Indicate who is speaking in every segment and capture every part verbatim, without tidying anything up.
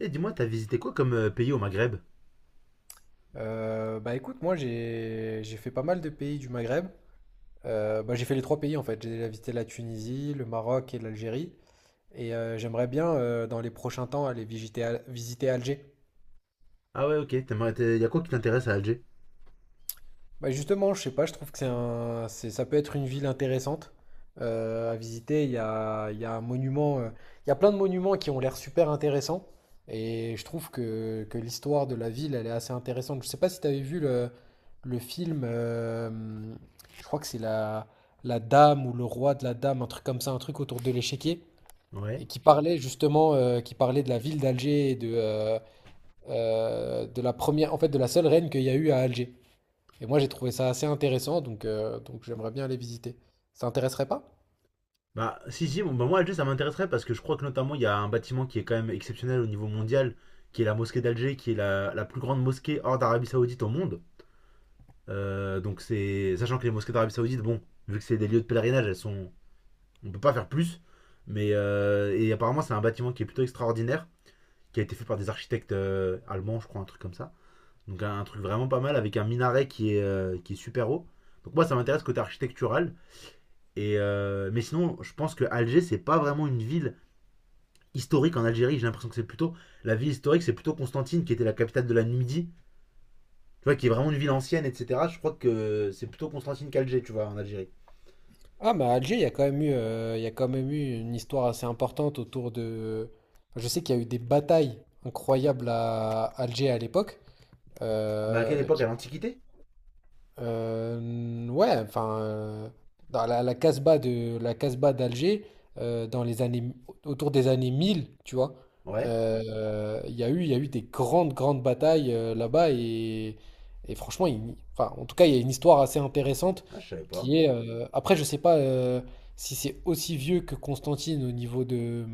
Speaker 1: Et dis-moi, t'as visité quoi comme euh, pays au Maghreb?
Speaker 2: Euh, bah écoute, moi j'ai j'ai fait pas mal de pays du Maghreb. Euh, bah, j'ai fait les trois pays en fait. J'ai déjà visité la Tunisie, le Maroc et l'Algérie. Et euh, j'aimerais bien euh, dans les prochains temps aller visiter, Al- visiter Alger.
Speaker 1: Ah ouais, ok. T'aimerais, t'es- y a quoi qui t'intéresse à Alger?
Speaker 2: Bah justement, je sais pas, je trouve que c'est un, c'est- ça peut être une ville intéressante euh, à visiter. Il y a, il y a un monument, euh, il y a plein de monuments qui ont l'air super intéressants. Et je trouve que, que l'histoire de la ville, elle est assez intéressante. Je sais pas si tu avais vu le, le film, euh, je crois que c'est la, la Dame ou le Roi de la Dame, un truc comme ça, un truc autour de l'échiquier,
Speaker 1: Ouais.
Speaker 2: et qui parlait justement, euh, qui parlait de la ville d'Alger et de, euh, euh, de la première, en fait, de la seule reine qu'il y a eu à Alger. Et moi, j'ai trouvé ça assez intéressant, donc, euh, donc j'aimerais bien aller visiter. Ça t'intéresserait pas?
Speaker 1: Bah, si, si, bon, bah, moi, Alger, ça m'intéresserait parce que je crois que notamment, il y a un bâtiment qui est quand même exceptionnel au niveau mondial, qui est la mosquée d'Alger, qui est la, la plus grande mosquée hors d'Arabie Saoudite au monde. Euh, donc, c'est. Sachant que les mosquées d'Arabie Saoudite, bon, vu que c'est des lieux de pèlerinage, elles sont. On peut pas faire plus. Mais. euh, Et apparemment, c'est un bâtiment qui est plutôt extraordinaire, qui a été fait par des architectes euh, allemands, je crois, un truc comme ça. Donc un, un truc vraiment pas mal avec un minaret qui est, euh, qui est super haut. Donc moi ça m'intéresse côté architectural. Et euh, mais sinon, je pense que Alger c'est pas vraiment une ville historique en Algérie. J'ai l'impression que c'est plutôt la ville historique, c'est plutôt Constantine qui était la capitale de la Numidie. Tu vois, qui est vraiment une ville ancienne, et cetera. Je crois que c'est plutôt Constantine qu'Alger, tu vois, en Algérie.
Speaker 2: Ah, mais à Alger, il y a quand même eu, euh, il y a quand même eu une histoire assez importante autour de... enfin, je sais qu'il y a eu des batailles incroyables à Alger à l'époque,
Speaker 1: Mais à quelle
Speaker 2: euh,
Speaker 1: époque? À
Speaker 2: qui
Speaker 1: l'Antiquité?
Speaker 2: Euh, ouais, enfin, euh, dans la, la Casbah de la Casbah d'Alger, euh, dans les années autour des années mille, tu vois,
Speaker 1: Ouais.
Speaker 2: euh, il y a eu, il y a eu des grandes, grandes batailles euh, là-bas, et, et franchement, il- enfin, en tout cas, il y a une histoire assez intéressante
Speaker 1: Ah, je savais pas.
Speaker 2: qui est. Euh, après, je sais pas euh, si c'est aussi vieux que Constantine au niveau de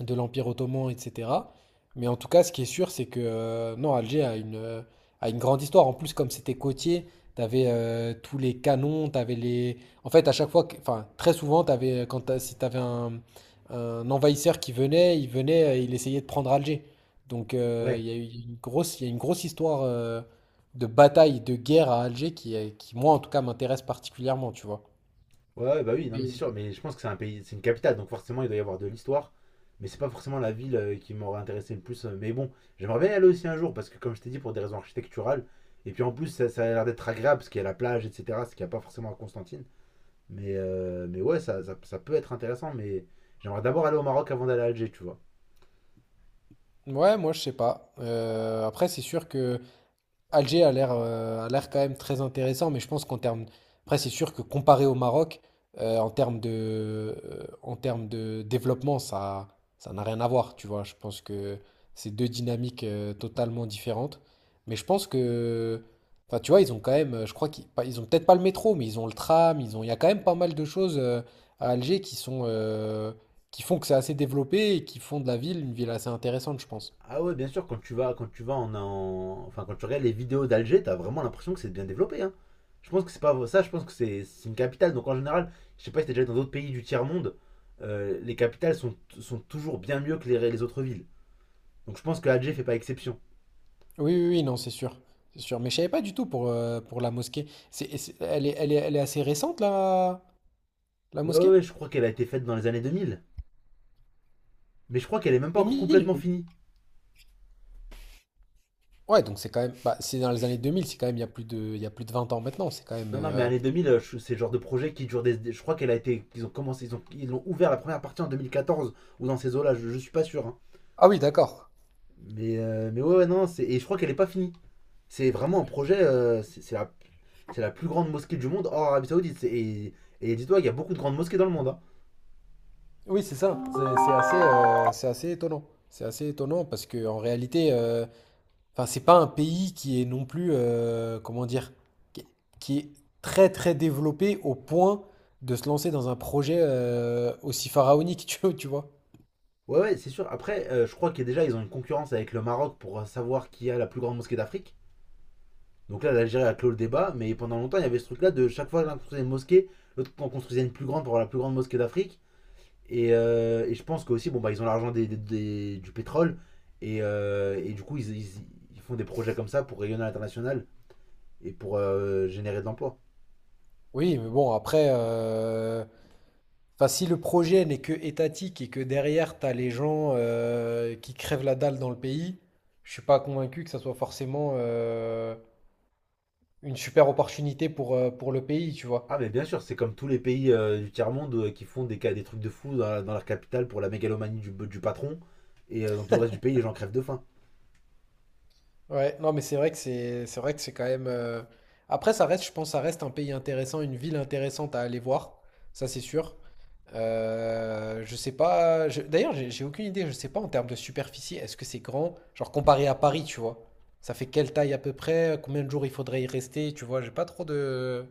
Speaker 2: de l'Empire ottoman, et cetera. Mais en tout cas, ce qui est sûr, c'est que euh, non, Alger a une, euh, a une grande histoire. En plus, comme c'était côtier, t'avais euh, tous les canons, t'avais les. En fait, à chaque fois, que- enfin, très souvent, t'avais, euh, quand t'as- si t'avais un, un envahisseur qui venait, il venait, euh, il essayait de prendre Alger. Donc, euh,
Speaker 1: Ouais.
Speaker 2: il y a eu une grosse, il y a une grosse histoire euh, de bataille, de guerre à Alger qui, est- qui, moi, en tout cas, m'intéresse particulièrement, tu vois.
Speaker 1: Ouais, ouais, bah oui, non, mais c'est sûr,
Speaker 2: Mais-
Speaker 1: mais je pense que c'est un pays, c'est une capitale, donc forcément il doit y avoir de l'histoire, mais c'est pas forcément la ville euh, qui m'aurait intéressé le plus. euh, Mais bon, j'aimerais bien y aller aussi un jour, parce que comme je t'ai dit, pour des raisons architecturales, et puis en plus ça, ça a l'air d'être agréable, parce qu'il y a la plage, et cetera, ce qu'il n'y a pas forcément à Constantine. Mais, euh, mais ouais, ça, ça, ça peut être intéressant, mais j'aimerais d'abord aller au Maroc avant d'aller à Alger, tu vois.
Speaker 2: Ouais, moi, je sais pas. Euh, après, c'est sûr que. Alger a l'air euh, a l'air quand même très intéressant, mais je pense qu'en termes... Après, c'est sûr que comparé au Maroc, euh, en termes de, euh, en termes de développement, ça, ça n'a rien à voir, tu vois. Je pense que c'est deux dynamiques euh, totalement différentes. Mais je pense que... Enfin, tu vois, ils ont quand même... euh, Je crois qu'ils pas- ils ont peut-être pas le métro, mais ils ont le tram, ils ont... Il y a quand même pas mal de choses euh, à Alger qui sont... euh, qui font que c'est assez développé et qui font de la ville une ville assez intéressante, je pense.
Speaker 1: Ah ouais, bien sûr, quand tu vas, quand tu vas en, en- enfin quand tu regardes les vidéos d'Alger, t'as vraiment l'impression que c'est bien développé, hein. Je pense que c'est pas ça, je pense que c'est c'est une capitale. Donc en général, je sais pas si t'es déjà allé dans d'autres pays du tiers-monde, euh, les capitales sont, sont toujours bien mieux que les, les autres villes. Donc je pense que Alger fait pas exception.
Speaker 2: Oui, oui, oui, non, c'est sûr. C'est sûr. Mais je savais pas du tout pour, euh, pour la mosquée. C'est, et c'est- elle est, elle est, elle est assez récente, la, la
Speaker 1: Ouais, ouais,
Speaker 2: mosquée?
Speaker 1: ouais, je crois qu'elle a été faite dans les années deux mille, mais je crois qu'elle est même pas
Speaker 2: Deux
Speaker 1: encore
Speaker 2: mille.
Speaker 1: complètement finie.
Speaker 2: Ouais, donc c'est quand même. Bah, c'est dans les années deux mille, c'est quand même il y a plus de, il y a plus de vingt ans maintenant. C'est quand même.
Speaker 1: Non, non, mais
Speaker 2: Euh,
Speaker 1: années deux mille, euh, je- c'est le genre de projet qui dure des. des- Je crois qu'elle a été. Ils ont commencé, ils ont, ils l'ont ouvert la première partie en deux mille quatorze ou dans ces eaux-là, je, je suis pas sûr, hein.
Speaker 2: Ah oui, d'accord.
Speaker 1: Mais, euh, mais ouais, ouais, non, c'est. Et je crois qu'elle est pas finie. C'est vraiment un projet, euh, c'est c'est la, c'est la plus grande mosquée du monde hors Arabie Saoudite. C'est- Et, et dis-toi, il y a beaucoup de grandes mosquées dans le monde, hein.
Speaker 2: Oui, c'est ça. C'est c'est assez, euh, c'est assez étonnant. C'est assez étonnant parce que en réalité, euh, enfin, c'est pas un pays qui est non plus. Euh, comment dire? Qui est, qui est très, très développé au point de se lancer dans un projet euh, aussi pharaonique, tu vois, tu vois.
Speaker 1: Ouais, ouais, c'est sûr. Après, euh, je crois que déjà, ils ont une concurrence avec le Maroc pour euh, savoir qui a la plus grande mosquée d'Afrique. Donc là, l'Algérie a clos le débat, mais pendant longtemps, il y avait ce truc-là de chaque fois l'un construisait une mosquée, l'autre en construisait une plus grande pour avoir la plus grande mosquée d'Afrique. Et, euh, et je pense qu'aussi, bon, bah, ils ont l'argent des- des- des- du pétrole, et, euh, et du coup, ils, ils- ils font des projets comme ça pour rayonner à l'international. Et pour euh, générer de l'emploi.
Speaker 2: Oui, mais bon, après, euh, enfin, si le projet n'est que étatique et que derrière, tu as les gens euh, qui crèvent la dalle dans le pays, je suis pas convaincu que ça soit forcément euh, une super opportunité pour, euh, pour le pays, tu
Speaker 1: Ah
Speaker 2: vois.
Speaker 1: mais bien sûr, c'est comme tous les pays euh, du tiers-monde euh, qui font des, ca- des trucs de fou dans, dans leur capitale pour la mégalomanie du, du patron. Et euh, dans tout le reste du pays, les gens crèvent de faim.
Speaker 2: Ouais, non, mais c'est vrai que c'est c'est vrai que c'est quand même. euh, Après, ça reste, je pense, ça reste un pays intéressant, une ville intéressante à aller voir, ça c'est sûr. Euh, je sais pas. je- D'ailleurs, j'ai j'ai aucune idée. Je sais pas en termes de superficie. Est-ce que c'est grand? Genre comparé à Paris, tu vois. Ça fait quelle taille à peu près? Combien de jours il faudrait y rester? Tu vois, j'ai pas trop de.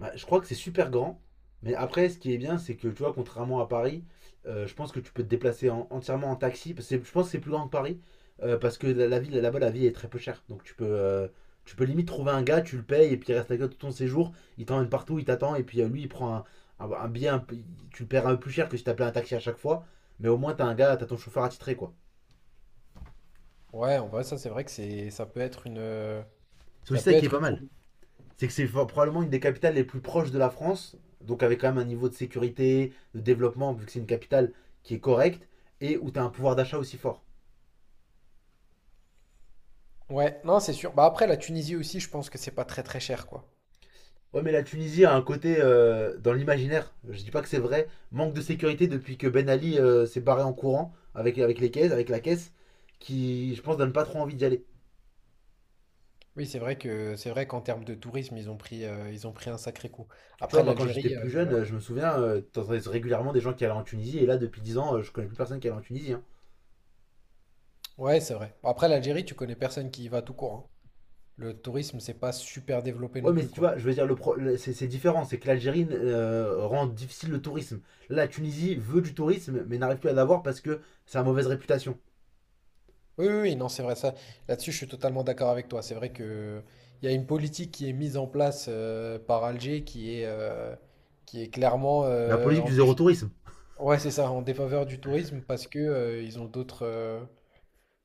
Speaker 1: Bah, je crois que c'est super grand, mais après, ce qui est bien, c'est que tu vois, contrairement à Paris, euh, je pense que tu peux te déplacer en- entièrement en taxi. Parce que c'est- je pense que c'est plus grand que Paris, euh, parce que la, la ville là-bas, la vie est très peu chère. Donc tu peux, euh, tu peux limite trouver un gars, tu le payes, et puis il reste avec toi tout ton séjour, il t'emmène partout, il t'attend, et puis euh, lui, il prend un, un- un billet, un peu- tu le paieras un peu plus cher que si t'appelais un taxi à chaque fois, mais au moins t'as un gars, t'as ton chauffeur attitré, quoi.
Speaker 2: Ouais, en vrai, ça c'est vrai que c'est ça peut être une euh,
Speaker 1: C'est
Speaker 2: ça
Speaker 1: aussi ça
Speaker 2: peut
Speaker 1: qui est
Speaker 2: être
Speaker 1: pas
Speaker 2: une
Speaker 1: mal. C'est que c'est probablement une des capitales les plus proches de la France, donc avec quand même un niveau de sécurité, de développement, vu que c'est une capitale qui est correcte, et où tu as un pouvoir d'achat aussi fort.
Speaker 2: Ouais, non, c'est sûr. Bah après, la Tunisie aussi, je pense que c'est pas très très cher, quoi.
Speaker 1: Ouais, mais la Tunisie a un côté, euh, dans l'imaginaire, je dis pas que c'est vrai, manque de sécurité depuis que Ben Ali euh, s'est barré en courant avec, avec les caisses, avec la caisse, qui, je pense, donne pas trop envie d'y aller.
Speaker 2: Oui, c'est vrai que c'est vrai qu'en termes de tourisme, ils ont pris euh, ils ont pris un sacré coup.
Speaker 1: Tu vois,
Speaker 2: Après
Speaker 1: moi, quand j'étais
Speaker 2: l'Algérie,
Speaker 1: plus jeune, euh,
Speaker 2: euh,
Speaker 1: je me souviens, euh, t'entendais régulièrement des gens qui allaient en Tunisie, et là, depuis dix ans, euh, je connais plus personne qui allait en Tunisie, hein.
Speaker 2: ouais, c'est vrai. Après l'Algérie, tu connais personne qui y va tout court, hein. Le tourisme, c'est pas super développé
Speaker 1: Ouais,
Speaker 2: non
Speaker 1: mais
Speaker 2: plus,
Speaker 1: tu
Speaker 2: quoi.
Speaker 1: vois, je veux dire, le pro- le- c'est c'est différent. C'est que l'Algérie euh, rend difficile le tourisme. Là, la Tunisie veut du tourisme, mais n'arrive plus à l'avoir parce que ça a mauvaise réputation.
Speaker 2: Oui, oui, oui, non, c'est vrai ça. Là-dessus, je suis totalement d'accord avec toi. C'est vrai que il y a une politique qui est mise en place euh, par Alger qui est euh, qui est clairement
Speaker 1: La
Speaker 2: euh,
Speaker 1: politique
Speaker 2: en
Speaker 1: du zéro
Speaker 2: défaveur.
Speaker 1: tourisme.
Speaker 2: Ouais, c'est ça, en défaveur du tourisme parce que euh, ils ont d'autres euh,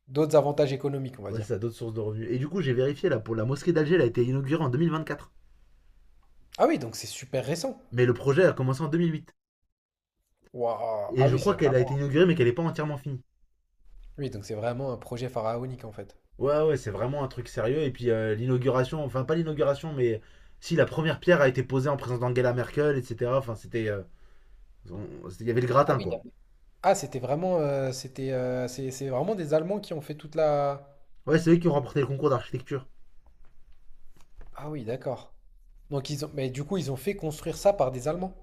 Speaker 2: d'autres avantages économiques, on va
Speaker 1: Ouais,
Speaker 2: dire.
Speaker 1: ça a d'autres sources de revenus. Et du coup, j'ai vérifié, là, pour la mosquée d'Alger, elle a été inaugurée en deux mille vingt-quatre.
Speaker 2: Ah oui, donc c'est super récent.
Speaker 1: Mais le projet a commencé en deux mille huit.
Speaker 2: Waouh.
Speaker 1: Et
Speaker 2: Ah
Speaker 1: je
Speaker 2: oui, c'est
Speaker 1: crois qu'elle a été
Speaker 2: vraiment.
Speaker 1: inaugurée, mais qu'elle n'est pas entièrement finie.
Speaker 2: Oui, donc c'est vraiment un projet pharaonique en fait.
Speaker 1: Ouais, ouais, c'est vraiment un truc sérieux. Et puis, euh, l'inauguration, enfin, pas l'inauguration, mais si la première pierre a été posée en présence d'Angela Merkel, et cetera. Enfin, c'était. euh, on- c'était- Il y avait le
Speaker 2: Ah
Speaker 1: gratin,
Speaker 2: oui, il y
Speaker 1: quoi.
Speaker 2: avait- ah, c'était vraiment, euh, c'était, euh, c'est, c'est vraiment des Allemands qui ont fait toute la.
Speaker 1: Ouais, c'est eux qui ont remporté le concours d'architecture.
Speaker 2: Ah oui, d'accord. Donc ils ont, mais du coup, ils ont fait construire ça par des Allemands.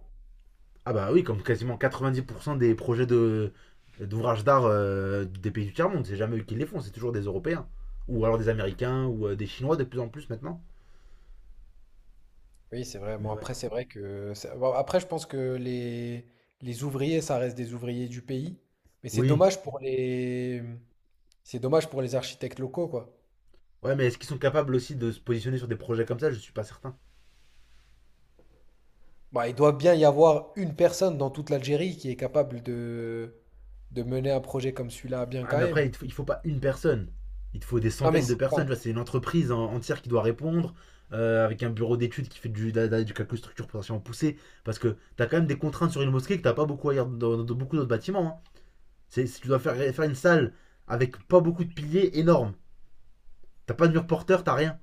Speaker 1: Ah bah oui, comme quasiment quatre-vingt-dix pour cent des projets de, d'ouvrages d'art euh, des pays du tiers-monde, c'est jamais eux qui les font, c'est toujours des Européens. Ou alors des Américains ou euh, des Chinois de plus en plus maintenant.
Speaker 2: Oui, c'est vrai.
Speaker 1: Mais
Speaker 2: Bon,
Speaker 1: ouais.
Speaker 2: après, c'est vrai que, c'est- bon, après, je pense que les, les ouvriers, ça reste des ouvriers du pays. Mais c'est
Speaker 1: Oui.
Speaker 2: dommage pour les, c'est dommage pour les architectes locaux, quoi.
Speaker 1: Ouais, mais est-ce qu'ils sont capables aussi de se positionner sur des projets comme ça? Je suis pas certain.
Speaker 2: Bah, il doit bien y avoir une personne dans toute l'Algérie qui est capable de, de mener un projet comme celui-là bien
Speaker 1: Ah,
Speaker 2: quand
Speaker 1: mais après, il
Speaker 2: même.
Speaker 1: te faut, il faut pas une personne. Il te faut des
Speaker 2: Non mais
Speaker 1: centaines de
Speaker 2: c'est
Speaker 1: personnes. Tu vois,
Speaker 2: pas-
Speaker 1: c'est une entreprise en- entière qui doit répondre, euh, avec un bureau d'études qui fait du, de la- du calcul structure potentiellement poussée. Parce que t'as quand même des contraintes sur une mosquée que t'as pas beaucoup ailleurs dans, dans beaucoup d'autres bâtiments, hein. C'est, tu dois faire, faire une salle avec pas beaucoup de piliers énorme. T'as pas de mur porteur, t'as rien.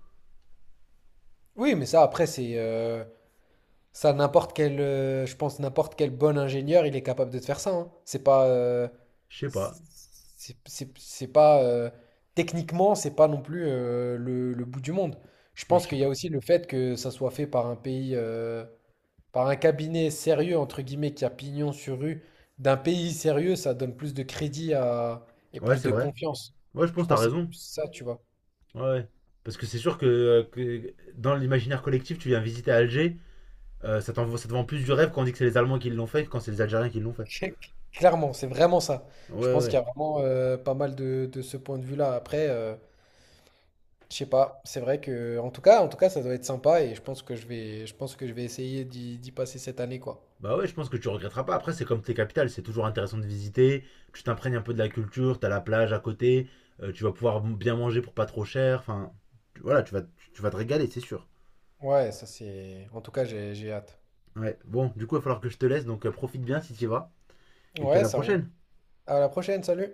Speaker 2: Oui, mais ça après c'est euh, ça n'importe quel euh, je pense n'importe quel bon ingénieur, il est capable de te faire ça. Hein. C'est pas euh,
Speaker 1: Je sais
Speaker 2: c'est
Speaker 1: pas.
Speaker 2: c'est- c'est- c'est pas euh, techniquement, c'est pas non plus euh, le, le bout du monde. Je
Speaker 1: Franchement,
Speaker 2: pense
Speaker 1: je sais
Speaker 2: qu'il y a
Speaker 1: pas.
Speaker 2: aussi le fait que ça soit fait par un pays euh, par un cabinet sérieux, entre guillemets, qui a pignon sur rue, d'un pays sérieux, ça donne plus de crédit à... et
Speaker 1: Ouais,
Speaker 2: plus
Speaker 1: c'est
Speaker 2: de
Speaker 1: vrai.
Speaker 2: confiance.
Speaker 1: Ouais, je pense
Speaker 2: Je
Speaker 1: que t'as
Speaker 2: pense que c'est
Speaker 1: raison.
Speaker 2: plus ça, tu vois.
Speaker 1: Ouais, ouais. Parce que c'est sûr que, euh, que dans l'imaginaire collectif, tu viens visiter Alger, euh, ça t'envoie- ça te vend plus du rêve quand on dit que c'est les Allemands qui l'ont fait que quand c'est les Algériens qui l'ont fait.
Speaker 2: Clairement, c'est vraiment ça. Je
Speaker 1: Ouais,
Speaker 2: pense qu'il y
Speaker 1: ouais.
Speaker 2: a vraiment euh, pas mal de, de ce point de vue-là. Après, euh, je sais pas. C'est vrai que, en tout cas, en tout cas, ça doit être sympa et je pense que je vais, je pense que je vais essayer d'y d'y passer cette année, quoi.
Speaker 1: Bah ouais, je pense que tu regretteras pas. Après, c'est comme tes capitales, c'est toujours intéressant de visiter. Tu t'imprègnes un peu de la culture, t'as la plage à côté, euh, tu vas pouvoir bien manger pour pas trop cher. Enfin, tu- voilà, tu vas, tu vas te régaler, c'est sûr.
Speaker 2: Ouais, ça c'est. En tout cas, j'ai j'ai hâte.
Speaker 1: Ouais, bon, du coup, il va falloir que je te laisse, donc euh, profite bien si tu y vas. Et puis à
Speaker 2: Ouais,
Speaker 1: la
Speaker 2: ça roule.
Speaker 1: prochaine.
Speaker 2: À la prochaine, salut.